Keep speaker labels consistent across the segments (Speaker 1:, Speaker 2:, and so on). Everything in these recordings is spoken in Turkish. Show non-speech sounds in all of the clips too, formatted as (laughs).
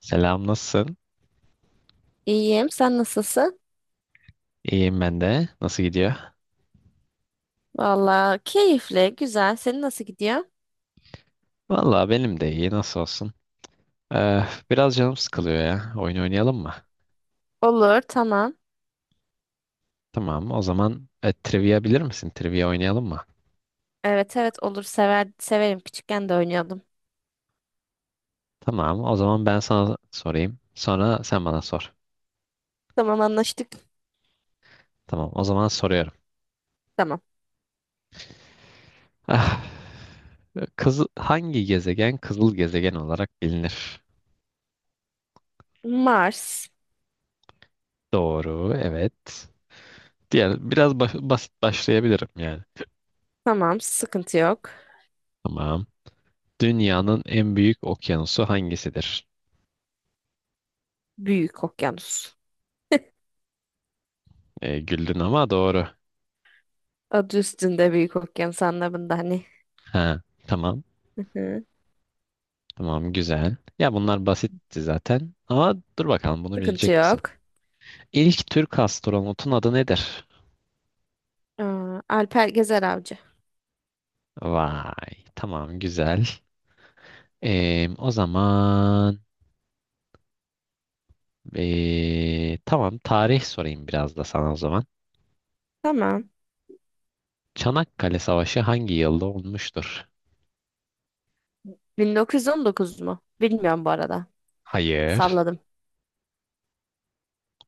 Speaker 1: Selam, nasılsın?
Speaker 2: İyiyim. Sen nasılsın?
Speaker 1: İyiyim ben de. Nasıl gidiyor?
Speaker 2: Valla keyifli, güzel. Senin nasıl gidiyor?
Speaker 1: Vallahi benim de iyi. Nasıl olsun? Ee, biraz canım sıkılıyor ya. Oyun oynayalım mı?
Speaker 2: Olur, tamam.
Speaker 1: Tamam. O zaman trivia bilir misin? Trivia oynayalım mı?
Speaker 2: Evet, olur. Sever, severim. Küçükken de oynuyordum.
Speaker 1: Tamam. O zaman ben sana sorayım. Sonra sen bana sor.
Speaker 2: Tamam, anlaştık.
Speaker 1: Tamam. O zaman soruyorum.
Speaker 2: Tamam.
Speaker 1: Ah, hangi gezegen kızıl gezegen olarak bilinir?
Speaker 2: Mars.
Speaker 1: Doğru. Evet. Diğer biraz basit başlayabilirim yani.
Speaker 2: Tamam, sıkıntı yok.
Speaker 1: Tamam. Dünyanın en büyük okyanusu hangisidir?
Speaker 2: Büyük okyanus.
Speaker 1: Güldün ama doğru.
Speaker 2: Adı üstünde, büyük okyanus anlamında hani.
Speaker 1: Ha, tamam.
Speaker 2: Hı hı.
Speaker 1: Tamam güzel. Ya bunlar basitti zaten. Ama dur bakalım bunu
Speaker 2: Sıkıntı
Speaker 1: bilecek misin?
Speaker 2: yok.
Speaker 1: İlk Türk astronotun adı nedir?
Speaker 2: Aa, Alper Gezer Avcı.
Speaker 1: Vay. Tamam güzel. O zaman tamam tarih sorayım biraz da sana o zaman.
Speaker 2: Tamam.
Speaker 1: Çanakkale Savaşı hangi yılda olmuştur?
Speaker 2: 1919 mu? Bilmiyorum bu arada.
Speaker 1: Hayır.
Speaker 2: Salladım.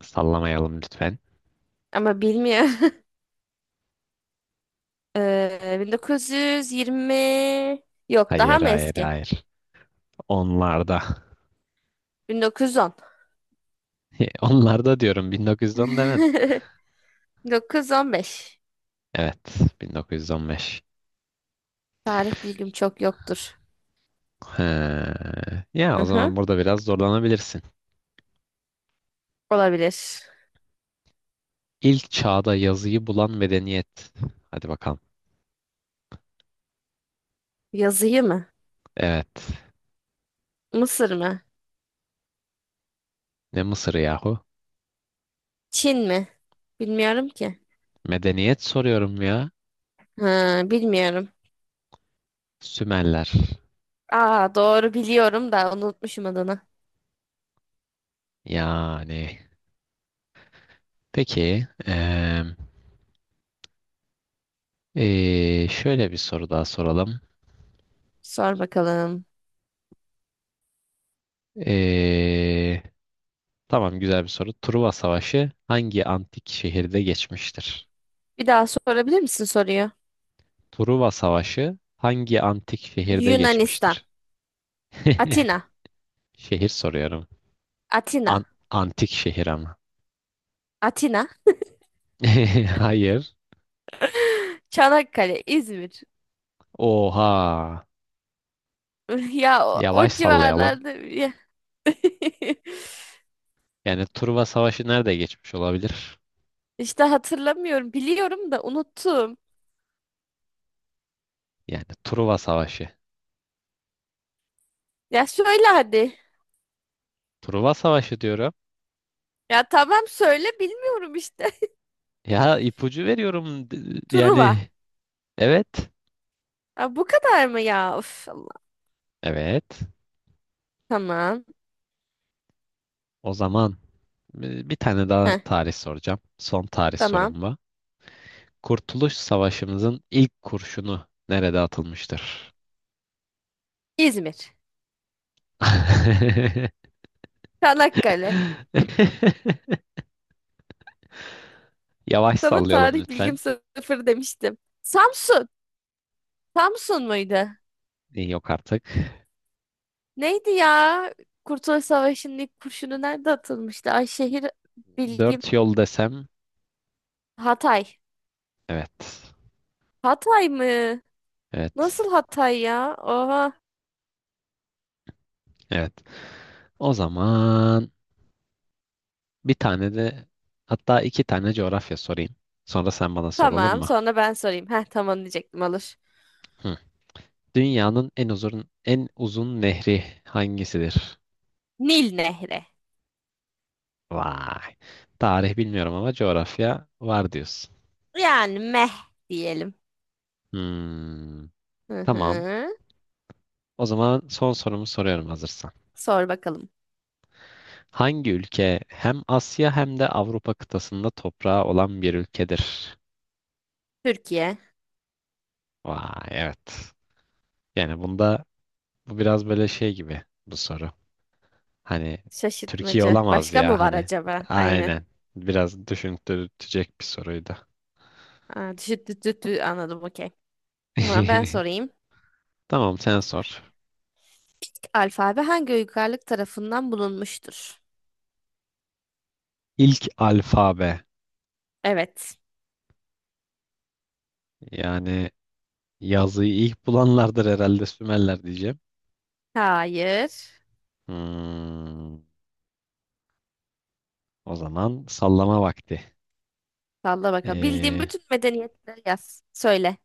Speaker 1: Sallamayalım lütfen.
Speaker 2: Ama bilmiyorum. (laughs) 1920, yok daha
Speaker 1: Hayır
Speaker 2: mı
Speaker 1: hayır
Speaker 2: eski?
Speaker 1: hayır. Onlarda.
Speaker 2: 1910.
Speaker 1: (laughs) Onlarda diyorum 1910 demedim.
Speaker 2: 1915. (laughs)
Speaker 1: Evet, 1915.
Speaker 2: Tarih bilgim çok yoktur.
Speaker 1: He. Ya o zaman
Speaker 2: Hı-hı.
Speaker 1: burada biraz zorlanabilirsin.
Speaker 2: Olabilir.
Speaker 1: İlk çağda yazıyı bulan medeniyet. Hadi bakalım.
Speaker 2: Yazıyı mı?
Speaker 1: Evet.
Speaker 2: Mısır mı?
Speaker 1: Ne Mısır yahu?
Speaker 2: Çin mi? Bilmiyorum ki.
Speaker 1: Medeniyet soruyorum ya.
Speaker 2: Ha, bilmiyorum.
Speaker 1: Sümerler.
Speaker 2: Aa, doğru biliyorum da unutmuşum adını.
Speaker 1: Yani. Peki. Şöyle bir soru daha soralım.
Speaker 2: Sor bakalım.
Speaker 1: Eee, tamam güzel bir soru. Truva Savaşı hangi antik şehirde geçmiştir?
Speaker 2: Bir daha sorabilir misin soruyu?
Speaker 1: Truva Savaşı hangi antik şehirde
Speaker 2: Yunanistan.
Speaker 1: geçmiştir? (laughs)
Speaker 2: Atina.
Speaker 1: Şehir soruyorum.
Speaker 2: Atina.
Speaker 1: Antik şehir ama.
Speaker 2: Atina.
Speaker 1: (laughs) Hayır.
Speaker 2: (gasps) (laughs) Çanakkale. İzmir.
Speaker 1: Oha.
Speaker 2: (laughs) Ya o, o
Speaker 1: Yavaş sallayalım.
Speaker 2: civarlarda ya. (laughs)
Speaker 1: Yani Truva Savaşı nerede geçmiş olabilir?
Speaker 2: İşte hatırlamıyorum. Biliyorum da unuttum.
Speaker 1: Yani Truva Savaşı.
Speaker 2: Ya söyle hadi.
Speaker 1: Truva Savaşı diyorum.
Speaker 2: Ya tamam, söyle, bilmiyorum işte. (laughs)
Speaker 1: Ya ipucu veriyorum. Yani
Speaker 2: Truva.
Speaker 1: evet.
Speaker 2: Ya bu kadar mı ya? Of Allah.
Speaker 1: Evet.
Speaker 2: Tamam.
Speaker 1: O zaman bir tane daha
Speaker 2: Heh,
Speaker 1: tarih soracağım. Son tarih
Speaker 2: tamam.
Speaker 1: sorum bu. Kurtuluş Savaşımızın ilk kurşunu nerede atılmıştır?
Speaker 2: İzmir.
Speaker 1: (laughs)
Speaker 2: Çanakkale.
Speaker 1: Yavaş
Speaker 2: Sana
Speaker 1: sallayalım
Speaker 2: tarih bilgim
Speaker 1: lütfen.
Speaker 2: sıfır demiştim. Samsun. Samsun muydu?
Speaker 1: Yok artık.
Speaker 2: Neydi ya? Kurtuluş Savaşı'nın ilk kurşunu nerede atılmıştı? Ay, şehir bilgim.
Speaker 1: Dört yol desem
Speaker 2: Hatay.
Speaker 1: evet.
Speaker 2: Hatay mı?
Speaker 1: Evet.
Speaker 2: Nasıl Hatay ya? Oha.
Speaker 1: Evet. O zaman bir tane de hatta iki tane coğrafya sorayım. Sonra sen bana sor olur
Speaker 2: Tamam,
Speaker 1: mu?
Speaker 2: sonra ben sorayım. Heh, tamam diyecektim, olur.
Speaker 1: Hı. Dünyanın en uzun en uzun nehri hangisidir?
Speaker 2: Nil Nehri.
Speaker 1: Vay. Tarih bilmiyorum ama coğrafya var diyorsun.
Speaker 2: Yani meh diyelim.
Speaker 1: Hmm.
Speaker 2: Hı
Speaker 1: Tamam.
Speaker 2: hı.
Speaker 1: O zaman son sorumu soruyorum hazırsan.
Speaker 2: Sor bakalım.
Speaker 1: Hangi ülke hem Asya hem de Avrupa kıtasında toprağı olan bir ülkedir?
Speaker 2: Türkiye.
Speaker 1: Vay evet. Yani bunda bu biraz böyle şey gibi bu soru. Hani Türkiye
Speaker 2: Şaşırtmaca.
Speaker 1: olamaz
Speaker 2: Başka mı
Speaker 1: ya
Speaker 2: var
Speaker 1: hani.
Speaker 2: acaba? Aynen.
Speaker 1: Aynen. Biraz düşündürtecek bir soruydu.
Speaker 2: Aa, anladım, okey. Tamam, ben
Speaker 1: (laughs)
Speaker 2: sorayım.
Speaker 1: Tamam sen sor.
Speaker 2: İlk alfabe hangi uygarlık tarafından bulunmuştur?
Speaker 1: İlk alfabe
Speaker 2: Evet.
Speaker 1: yani yazıyı ilk bulanlardır herhalde Sümerler diyeceğim.
Speaker 2: Hayır.
Speaker 1: Hmm, o zaman sallama vakti.
Speaker 2: Salla bakalım. Bildiğim
Speaker 1: Ee,
Speaker 2: bütün medeniyetleri yaz. Söyle.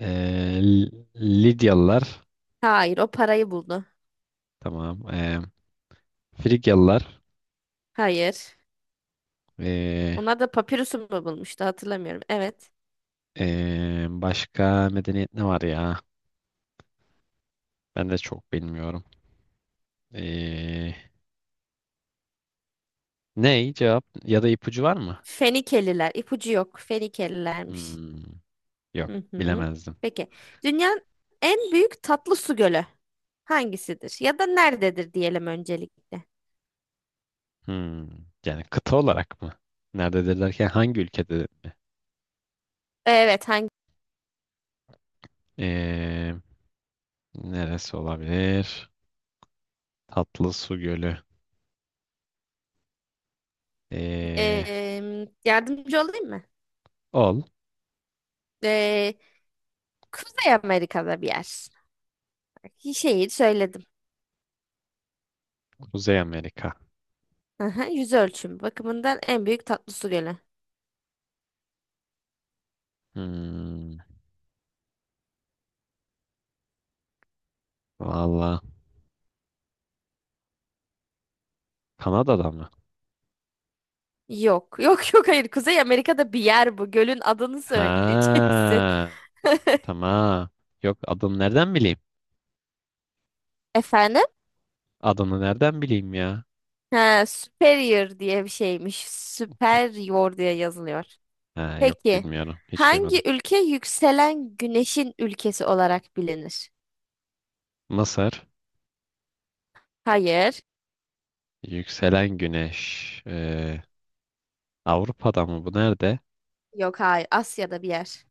Speaker 1: Lidyalılar
Speaker 2: Hayır, o parayı buldu.
Speaker 1: tamam. Frigyalılar
Speaker 2: Hayır.
Speaker 1: ee,
Speaker 2: Onlar da papirüsü mü bulmuştu, hatırlamıyorum. Evet.
Speaker 1: başka medeniyet ne var ya? Ben de çok bilmiyorum. Ee, ne cevap ya da ipucu var mı?
Speaker 2: Fenikeliler. İpucu yok. Fenikelilermiş.
Speaker 1: Hmm, yok
Speaker 2: Hı hı.
Speaker 1: bilemezdim.
Speaker 2: Peki. Dünyanın en büyük tatlı su gölü hangisidir? Ya da nerededir diyelim öncelikle.
Speaker 1: Hmm, yani kıta olarak mı? Nerededir derken hangi ülkede?
Speaker 2: Evet, hangi?
Speaker 1: Ee, neresi olabilir? Tatlı Su Gölü. Ee,
Speaker 2: Yardımcı olayım mı?
Speaker 1: ol.
Speaker 2: Eee, Kuzey Amerika'da bir yer. Şehir söyledim.
Speaker 1: Kuzey Amerika.
Speaker 2: Aha, yüz ölçümü bakımından en büyük tatlı su gölü.
Speaker 1: Hmm, valla Kanada'da mı?
Speaker 2: Yok, (laughs) yok, yok, hayır. Kuzey Amerika'da bir yer bu. Gölün adını söyleyeceksin.
Speaker 1: Ha,
Speaker 2: (laughs)
Speaker 1: tamam. Yok adını nereden bileyim?
Speaker 2: Efendim?
Speaker 1: Adını nereden bileyim ya?
Speaker 2: Ha, superior diye bir şeymiş. Superior diye yazılıyor.
Speaker 1: Ha, yok
Speaker 2: Peki,
Speaker 1: bilmiyorum. Hiç
Speaker 2: hangi
Speaker 1: duymadım.
Speaker 2: ülke yükselen güneşin ülkesi olarak bilinir?
Speaker 1: Mısır.
Speaker 2: Hayır.
Speaker 1: Yükselen güneş. Avrupa'da mı bu? Nerede?
Speaker 2: Yok, hayır. Asya'da bir yer.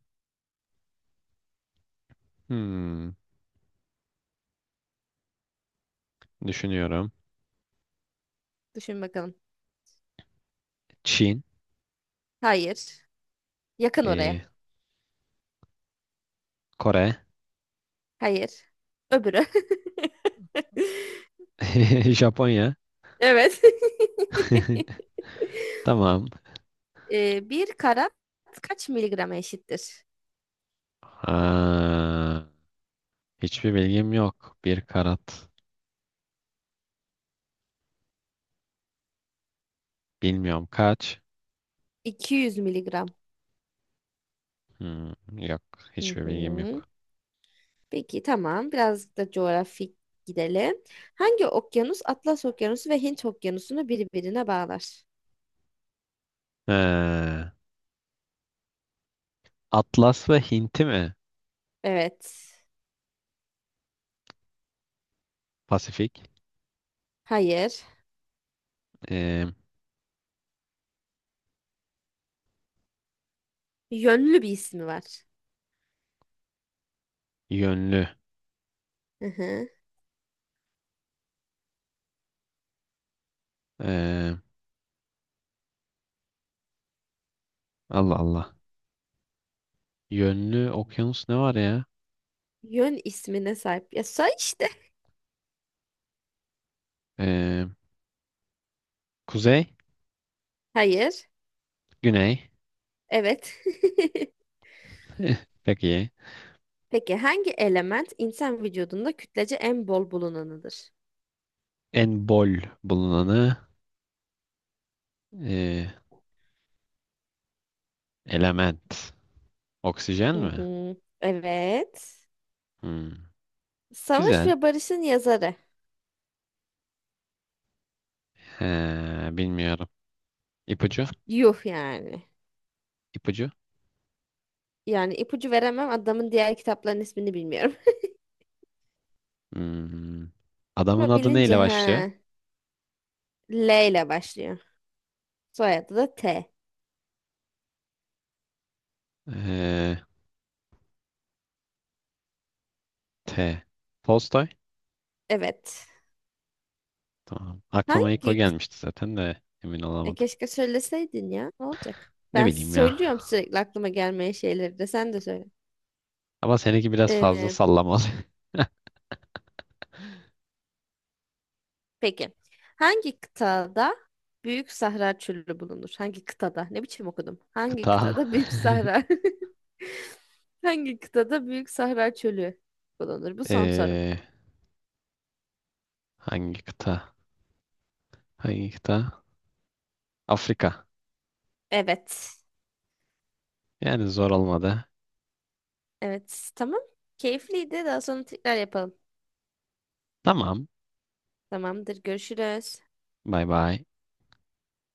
Speaker 1: Hmm, düşünüyorum.
Speaker 2: Düşün bakalım.
Speaker 1: Çin,
Speaker 2: Hayır. Yakın oraya.
Speaker 1: ee, Kore,
Speaker 2: Hayır. Öbürü. (laughs)
Speaker 1: (laughs) Japonya.
Speaker 2: Evet. (laughs)
Speaker 1: (laughs) Tamam.
Speaker 2: Bir karat kaç miligrama eşittir?
Speaker 1: Aa, hiçbir bilgim yok. Bir karat. Bilmiyorum kaç.
Speaker 2: 200 miligram.
Speaker 1: Hmm, yok.
Speaker 2: Hı
Speaker 1: Hiçbir bilgim
Speaker 2: hı.
Speaker 1: yok.
Speaker 2: Peki, tamam. Biraz da coğrafik gidelim. Hangi okyanus Atlas Okyanusu ve Hint Okyanusu'nu birbirine bağlar?
Speaker 1: Ee, Atlas ve Hint'i mi?
Speaker 2: Evet.
Speaker 1: Pasifik.
Speaker 2: Hayır.
Speaker 1: Ee,
Speaker 2: Yönlü bir ismi var.
Speaker 1: yönlü.
Speaker 2: Hı hı.
Speaker 1: Ee, Allah Allah. Yönlü okyanus ne var ya?
Speaker 2: Yön ismine sahip. Ya say işte.
Speaker 1: Ee, kuzey,
Speaker 2: Hayır.
Speaker 1: güney.
Speaker 2: Evet. (laughs)
Speaker 1: Eh, peki.
Speaker 2: Peki, hangi element insan vücudunda kütlece en bol bulunanıdır?
Speaker 1: En bol bulunanı e, element. Oksijen
Speaker 2: Hı
Speaker 1: mi?
Speaker 2: hı. Evet.
Speaker 1: Hmm,
Speaker 2: Savaş
Speaker 1: güzel.
Speaker 2: ve Barış'ın yazarı.
Speaker 1: He, bilmiyorum. İpucu?
Speaker 2: Yuh yani.
Speaker 1: İpucu?
Speaker 2: Yani ipucu veremem, adamın diğer kitapların ismini bilmiyorum.
Speaker 1: Hmm, Adamın
Speaker 2: Ama
Speaker 1: adı
Speaker 2: bilince
Speaker 1: neyle başlıyor?
Speaker 2: ha. L ile başlıyor. Soyadı da T.
Speaker 1: Ee, T. Tolstoy.
Speaker 2: Evet.
Speaker 1: Tamam. Aklıma ilk o
Speaker 2: Hangi? kı-
Speaker 1: gelmişti zaten de emin
Speaker 2: E,
Speaker 1: olamadım.
Speaker 2: keşke söyleseydin ya. Ne olacak?
Speaker 1: Ne
Speaker 2: Ben
Speaker 1: bileyim ya.
Speaker 2: söylüyorum sürekli aklıma gelmeyen şeyleri, de sen de söyle.
Speaker 1: Ama seninki biraz fazla
Speaker 2: Ee,
Speaker 1: sallamalı. (laughs)
Speaker 2: peki. Hangi kıtada Büyük Sahra Çölü bulunur? Hangi kıtada? Ne biçim okudum? Hangi
Speaker 1: Kıta.
Speaker 2: kıtada Büyük
Speaker 1: (laughs)
Speaker 2: Sahra? (laughs) Hangi kıtada Büyük Sahra Çölü bulunur? Bu son sorum.
Speaker 1: Ee, hangi kıta? Hangi kıta? Afrika.
Speaker 2: Evet.
Speaker 1: Yani zor olmadı.
Speaker 2: Evet. Tamam. Keyifliydi. Daha sonra tekrar yapalım.
Speaker 1: Tamam.
Speaker 2: Tamamdır. Görüşürüz.
Speaker 1: Bay bay.